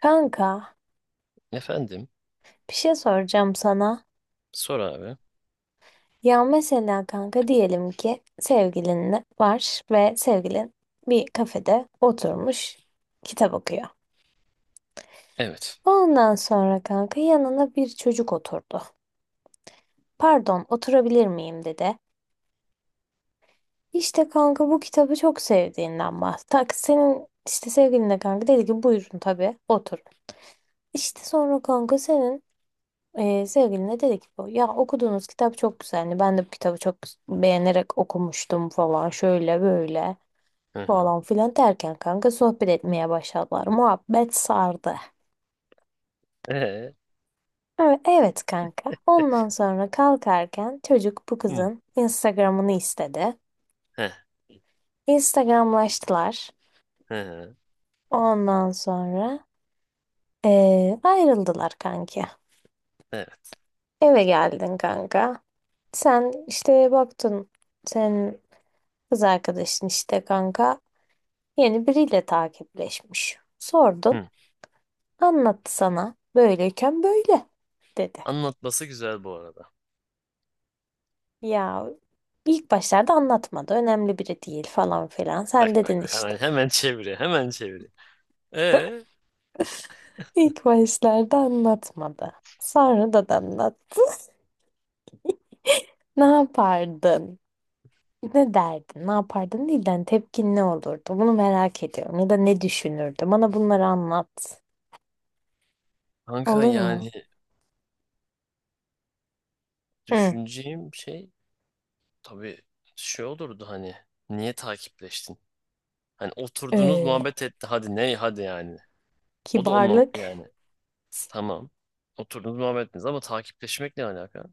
Kanka, Efendim? bir şey soracağım sana. Sor abi. Ya mesela kanka diyelim ki sevgilin var ve sevgilin bir kafede oturmuş kitap okuyor. Evet. Ondan sonra kanka yanına bir çocuk oturdu. Pardon, oturabilir miyim dedi. İşte kanka bu kitabı çok sevdiğinden bahsetti. Senin işte sevgilin de kanka dedi ki buyurun tabii otur. İşte sonra kanka senin sevgiline dedi ki bu ya okuduğunuz kitap çok güzeldi. Ben de bu kitabı çok beğenerek okumuştum falan şöyle böyle Hı hı. falan filan derken kanka sohbet etmeye başladılar. Muhabbet sardı. Ee? Evet, evet kanka. Ondan sonra kalkarken çocuk bu Hı. kızın Instagram'ını istedi. Heh, Instagramlaştılar. hı hı. Ondan sonra ayrıldılar kanki. Evet. Eve geldin kanka. Sen işte baktın senin kız arkadaşın işte kanka yeni biriyle takipleşmiş. Sordun, Hı. anlattı sana. Böyleyken böyle dedi. Anlatması güzel bu arada. Ya ilk başlarda anlatmadı. Önemli biri değil falan filan. Bak Sen bak. dedin Hemen işte. hemen çeviriyor. Hemen çeviriyor. Ee? İlk başlarda anlatmadı. Sonra da anlattı. Ne yapardın? Ne derdin? Ne yapardın değil de hani tepkin ne olurdu? Bunu merak ediyorum. Ya da ne düşünürdü? Bana bunları anlat. Kanka Olur mu? yani Hı. düşüneceğim şey tabii şey olurdu hani. Niye takipleştin? Hani oturdunuz Öyle. muhabbet etti. Hadi ne? Hadi yani. O da olmam Kibarlık. yani. Tamam. Oturdunuz muhabbet ettiniz ama takipleşmek ne alaka?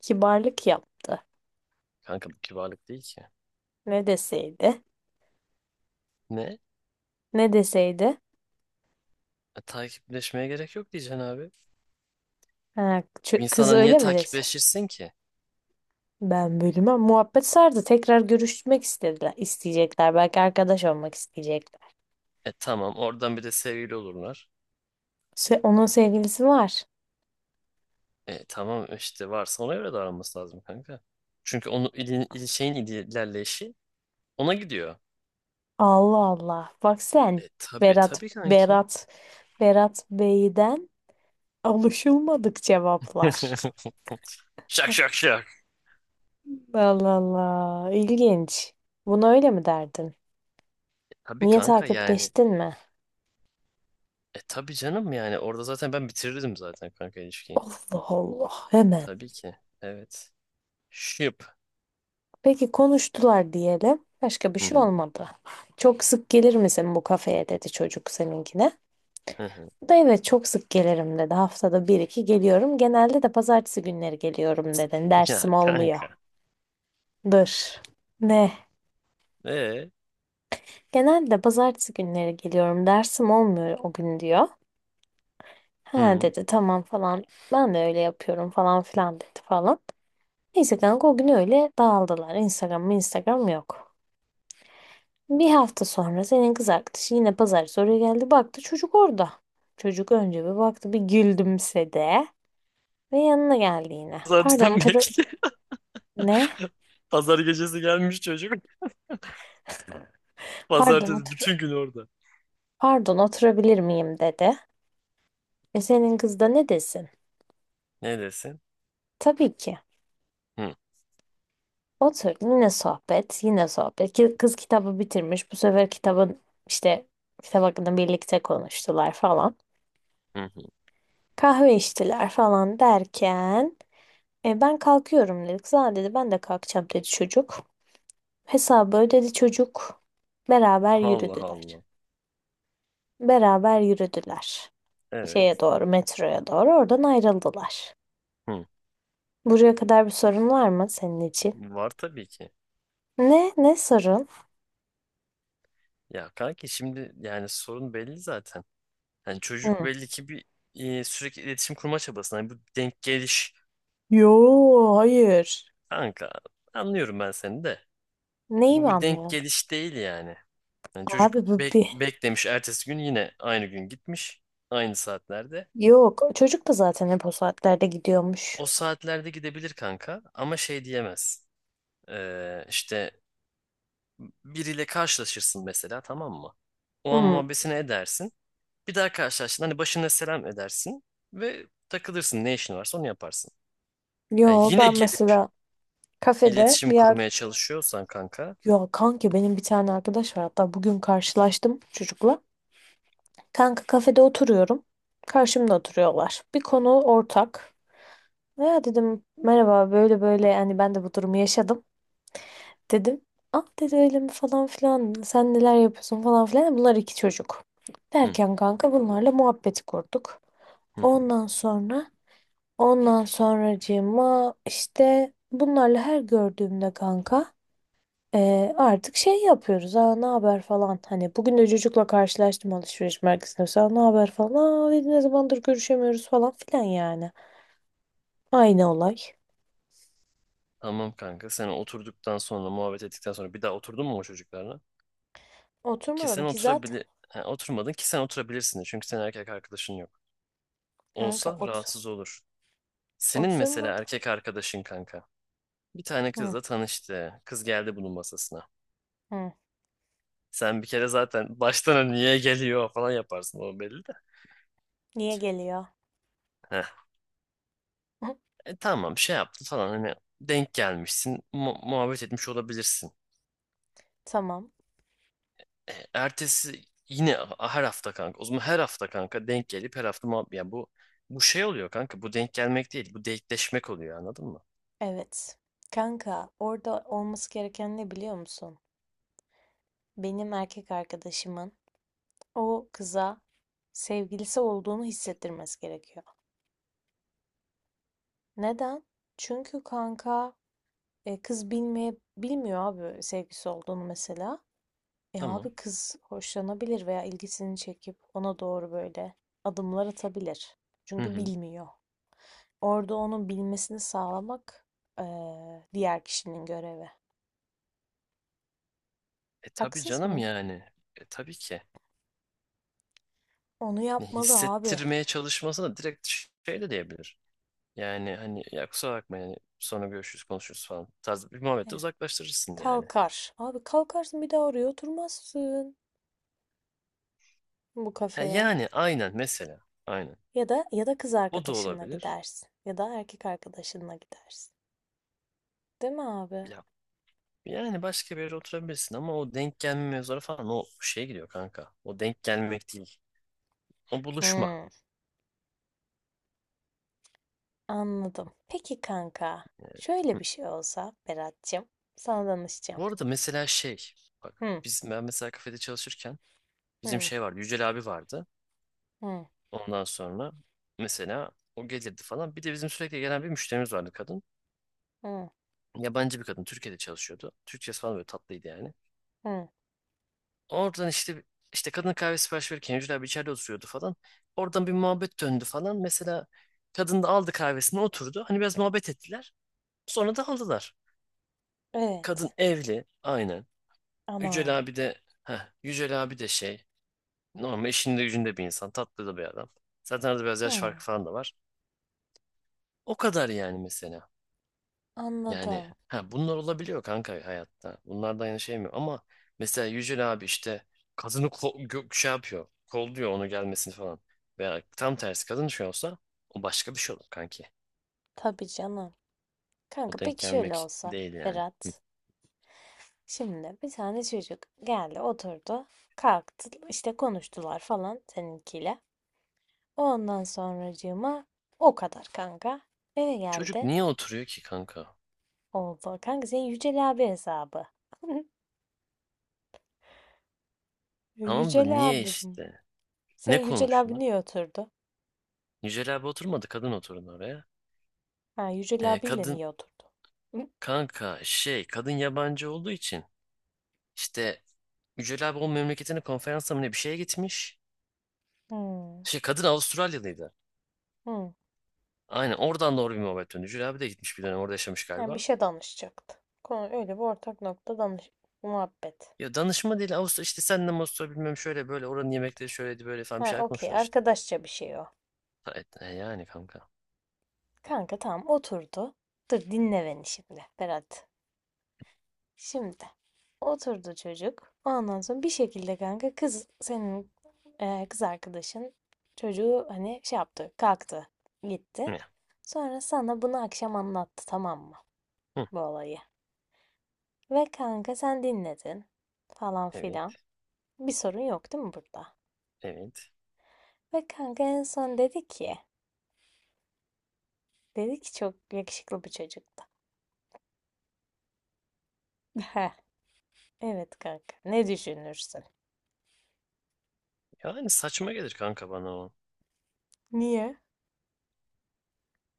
Kibarlık yaptı. Kanka bu kibarlık değil ki. Ne deseydi? Ne? Ne deseydi? Takipleşmeye gerek yok diyeceksin abi. Ha, ç- Bir kız niye öyle mi dese? takipleşirsin ki? Ben bölüme muhabbet sardı. Tekrar görüşmek istediler, isteyecekler. Belki arkadaş olmak isteyecekler. E tamam oradan bir de sevgili olurlar. Se- onun sevgilisi var. E tamam işte varsa ona göre davranması lazım kanka. Çünkü onu ilin, şeyin ilerleyişi ona gidiyor. Allah Allah. Bak sen. E tabii Berat, tabii kanki. Berat, Berat Bey'den alışılmadık cevaplar. Şak şak şak. Allah Allah. İlginç. Bunu öyle mi derdin? Tabii Niye kanka yani. takipleştin mi? E tabii canım yani orada zaten ben bitirirdim zaten kanka ilişkiyi. Allah Allah. Hemen. Tabii ki. Evet. Şıp. Peki konuştular diyelim. Başka bir Hı şey hı, olmadı. Çok sık gelir misin bu kafeye dedi çocuk seninkine. hı hı. O da evet çok sık gelirim dedi. Haftada bir iki geliyorum. Genelde de pazartesi günleri geliyorum dedi. Ya Dersim olmuyor. kanka. Dur. Ne? E. Genelde pazartesi günleri geliyorum. Dersim olmuyor o gün diyor. Ha Hı. dedi tamam falan. Ben de öyle yapıyorum falan filan dedi falan. Neyse kanka o gün öyle dağıldılar. Instagram mı Instagram yok. Bir hafta sonra senin kız arkadaşı yine pazartesi oraya geldi. Baktı çocuk orada. Çocuk önce bir baktı bir gülümsedi ve yanına geldi yine. Pardon Zaten otur bekle. ne? Pazar gecesi gelmiş çocuk. Pardon Pazartesi bütün gün orada. pardon oturabilir miyim dedi. E senin kız da ne desin? Ne desin? Tabii ki. Hı, Otur yine sohbet yine sohbet. Kız kitabı bitirmiş. Bu sefer kitabın işte kitap hakkında birlikte konuştular falan. hı, hı. Kahve içtiler falan derken ben kalkıyorum dedi. Kız "Aa," dedi ben de kalkacağım dedi çocuk. Hesabı ödedi çocuk. Beraber Allah yürüdüler. Allah. Beraber yürüdüler. Şeye Evet. doğru, metroya doğru oradan ayrıldılar. Hı. Buraya kadar bir sorun var mı senin için? Var tabii ki. Ne? Ne sorun? Ya kanki şimdi yani sorun belli zaten. Yani çocuk Hı. belli ki sürekli iletişim kurma çabasında. Yani bu denk geliş Yo, hayır. kanka anlıyorum ben seni de. Neyi mi Bu bir denk anlıyorsun? geliş değil yani. Yani çocuk Abi bu bir... beklemiş ertesi gün yine aynı gün gitmiş. Aynı saatlerde. Yok, çocuk da zaten hep o saatlerde gidiyormuş. O saatlerde gidebilir kanka ama şey diyemez. İşte biriyle karşılaşırsın mesela tamam mı? O an Hı. muhabbesini edersin. Bir daha karşılaştın hani başına selam edersin ve takılırsın ne işin varsa onu yaparsın. Ha, Yo, yine ben gelip mesela kafede iletişim bir kurmaya yer... çalışıyorsan kanka Ya kanki benim bir tane arkadaş var. Hatta bugün karşılaştım çocukla. Kanka kafede oturuyorum. Karşımda oturuyorlar. Bir konu ortak. Ya dedim merhaba böyle böyle yani ben de bu durumu yaşadım. Dedim. Ah dedi öyle mi falan filan. Sen neler yapıyorsun falan filan. Bunlar iki çocuk. hı, Derken kanka bunlarla muhabbeti kurduk. hı, hı. Ondan sonra ondan sonracığıma işte bunlarla her gördüğümde kanka artık şey yapıyoruz. Aa ne haber falan. Hani bugün de çocukla karşılaştım alışveriş merkezinde. Mesela ne haber falan. Aa dedi, ne zamandır görüşemiyoruz falan filan yani. Aynı olay. Tamam kanka sen oturduktan sonra muhabbet ettikten sonra bir daha oturdun mu o çocuklarla? Ki sen Oturmadım ki zaten. oturabili ha, oturmadın ki sen oturabilirsin de çünkü senin erkek arkadaşın yok. Kanka Olsa ot. rahatsız olur. Senin mesela Oturmadım. erkek arkadaşın kanka. Bir tane Hı, kızla tanıştı. Kız geldi bunun masasına. hı. Sen bir kere zaten baştan hani niye geliyor falan yaparsın o belli de. Niye geliyor? Heh. Tamam şey yaptı falan hani denk gelmişsin muhabbet etmiş olabilirsin. Tamam. Ertesi yine her hafta kanka o zaman her hafta kanka denk gelip her hafta muhabbet ya bu şey oluyor kanka bu denk gelmek değil bu denkleşmek oluyor anladın mı? Evet. Kanka orada olması gereken ne biliyor musun? Benim erkek arkadaşımın o kıza sevgilisi olduğunu hissettirmesi gerekiyor. Neden? Çünkü kanka E, kız bilmeye bilmiyor abi sevgisi olduğunu mesela. E Tamam. abi kız hoşlanabilir veya ilgisini çekip ona doğru böyle adımlar atabilir. Hı Çünkü hı. bilmiyor. Orada onun bilmesini sağlamak e, diğer kişinin görevi. E tabii Haksız canım mıyım? yani. E tabii ki. Onu Ne yapmalı abi. hissettirmeye çalışmasına direkt şey de diyebilir. Yani hani ya kusura bakma yani sonra görüşürüz konuşuruz falan tarzı bir muhabbette Eh, uzaklaştırırsın yani. kalkar. Abi kalkarsın bir daha oraya oturmazsın bu Ha, kafeye. yani aynen mesela aynen. Ya da ya da kız O da arkadaşınla olabilir. gidersin. Ya da erkek arkadaşınla gidersin. Değil mi abi? Ya, yani başka bir yere oturabilirsin ama o denk gelme mevzuları falan o şeye gidiyor kanka. O denk gelmek değil. O buluşma. Hmm. Anladım. Peki kanka, Yani, şöyle hı. bir şey olsa Berat'cığım, sana danışacağım. Bu arada mesela şey bak Hı, ben mesela kafede çalışırken bizim hı, şey vardı Yücel abi vardı. hı, Ondan sonra mesela o gelirdi falan. Bir de bizim sürekli gelen bir müşterimiz vardı kadın. hı, Yabancı bir kadın Türkiye'de çalışıyordu. Türkçesi falan böyle tatlıydı yani. hı. Oradan işte kadın kahve sipariş verirken Yücel abi içeride oturuyordu falan. Oradan bir muhabbet döndü falan. Mesela kadın da aldı kahvesini oturdu. Hani biraz muhabbet ettiler. Sonra da aldılar. Kadın Evet. evli aynen. Yücel Ana. abi de heh, Yücel abi de şey normal işinde gücünde bir insan. Tatlı da bir adam. Zaten arada biraz yaş Hı, farkı falan da var. O kadar yani mesela. Yani anladım. ha bunlar olabiliyor kanka hayatta. Bunlardan yana şey mi? Ama mesela Yücel abi işte kadını şey yapıyor. Kolluyor onu gelmesini falan. Veya tam tersi kadın şey olsa o başka bir şey olur kanki. Tabii canım. O Kanka denk peki şöyle gelmek olsa değil yani. Hı. Berat. Şimdi bir tane çocuk geldi oturdu. Kalktı işte konuştular falan seninkiyle. Ondan sonracığıma o kadar kanka. Eve Çocuk geldi. niye oturuyor ki kanka? Oldu. Kanka senin Yücel abi hesabı. Tamam da Yücel niye abim. işte? Sen Ne Yücel abi konuştular? niye oturdu? Yücel abi oturmadı kadın oturdu oraya. Ha, Yücel abiyle Kadın niye oturdu? Hı? Kanka şey kadın yabancı olduğu için işte Yücel abi o memleketine konferansa mı ne bir şeye gitmiş. Hmm. Şey kadın Avustralyalıydı. Hmm. Aynen oradan doğru bir muhabbet döndü. Jüri abi de gitmiş bir dönem orada yaşamış Yani bir galiba. şey danışacaktı. Konu öyle bir ortak nokta danış muhabbet. Ya danışma değil Avustra işte senden Avustra bilmem şöyle böyle oranın yemekleri şöyleydi böyle falan bir Ha, şeyler okey. konuştular işte. Arkadaşça bir şey o. Ha, yani kanka. Kanka tamam oturdu. Dur dinle beni şimdi Berat. Şimdi oturdu çocuk. Ondan sonra bir şekilde kanka kız senin kız arkadaşın çocuğu hani şey yaptı, kalktı, gitti. Ne? Sonra sana bunu akşam anlattı tamam mı? Hı, Bu olayı. Ve kanka sen dinledin falan evet filan. Bir sorun yok değil mi burada? evet. Ve kanka en son dedi ki, dedi ki çok yakışıklı bir çocuktu. Heh, evet kanka ne düşünürsün? Yani saçma gelir kanka bana o. Niye?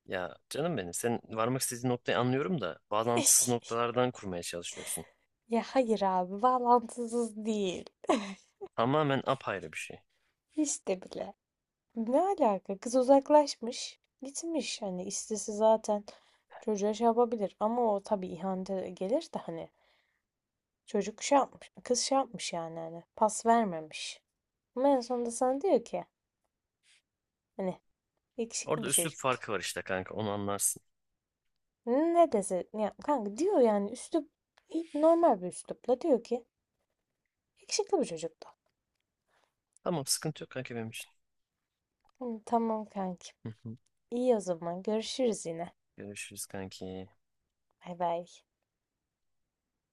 Ya canım benim sen varmak istediğin noktayı anlıyorum da bağlantısız noktalardan kurmaya çalışıyorsun. Ya hayır abi bağlantısız değil. Tamamen apayrı bir şey. Hiç de bile. Ne alaka? Kız uzaklaşmış. Gitmiş hani istese zaten çocuğa şey yapabilir. Ama o tabii ihanete gelir de hani çocuk şey yapmış, kız şey yapmış yani hani pas vermemiş. Ama en sonunda sana diyor ki hani yakışıklı Orada bir üslup çocuktu. farkı var işte kanka onu anlarsın. Ne dese ya kanka diyor yani üslup normal bir üslupla diyor ki yakışıklı bir çocuktu. Tamam sıkıntı yok kanka benim için. Hı, tamam kanki. Hı hı. İyi o zaman görüşürüz yine. Görüşürüz kanki. Bay bay.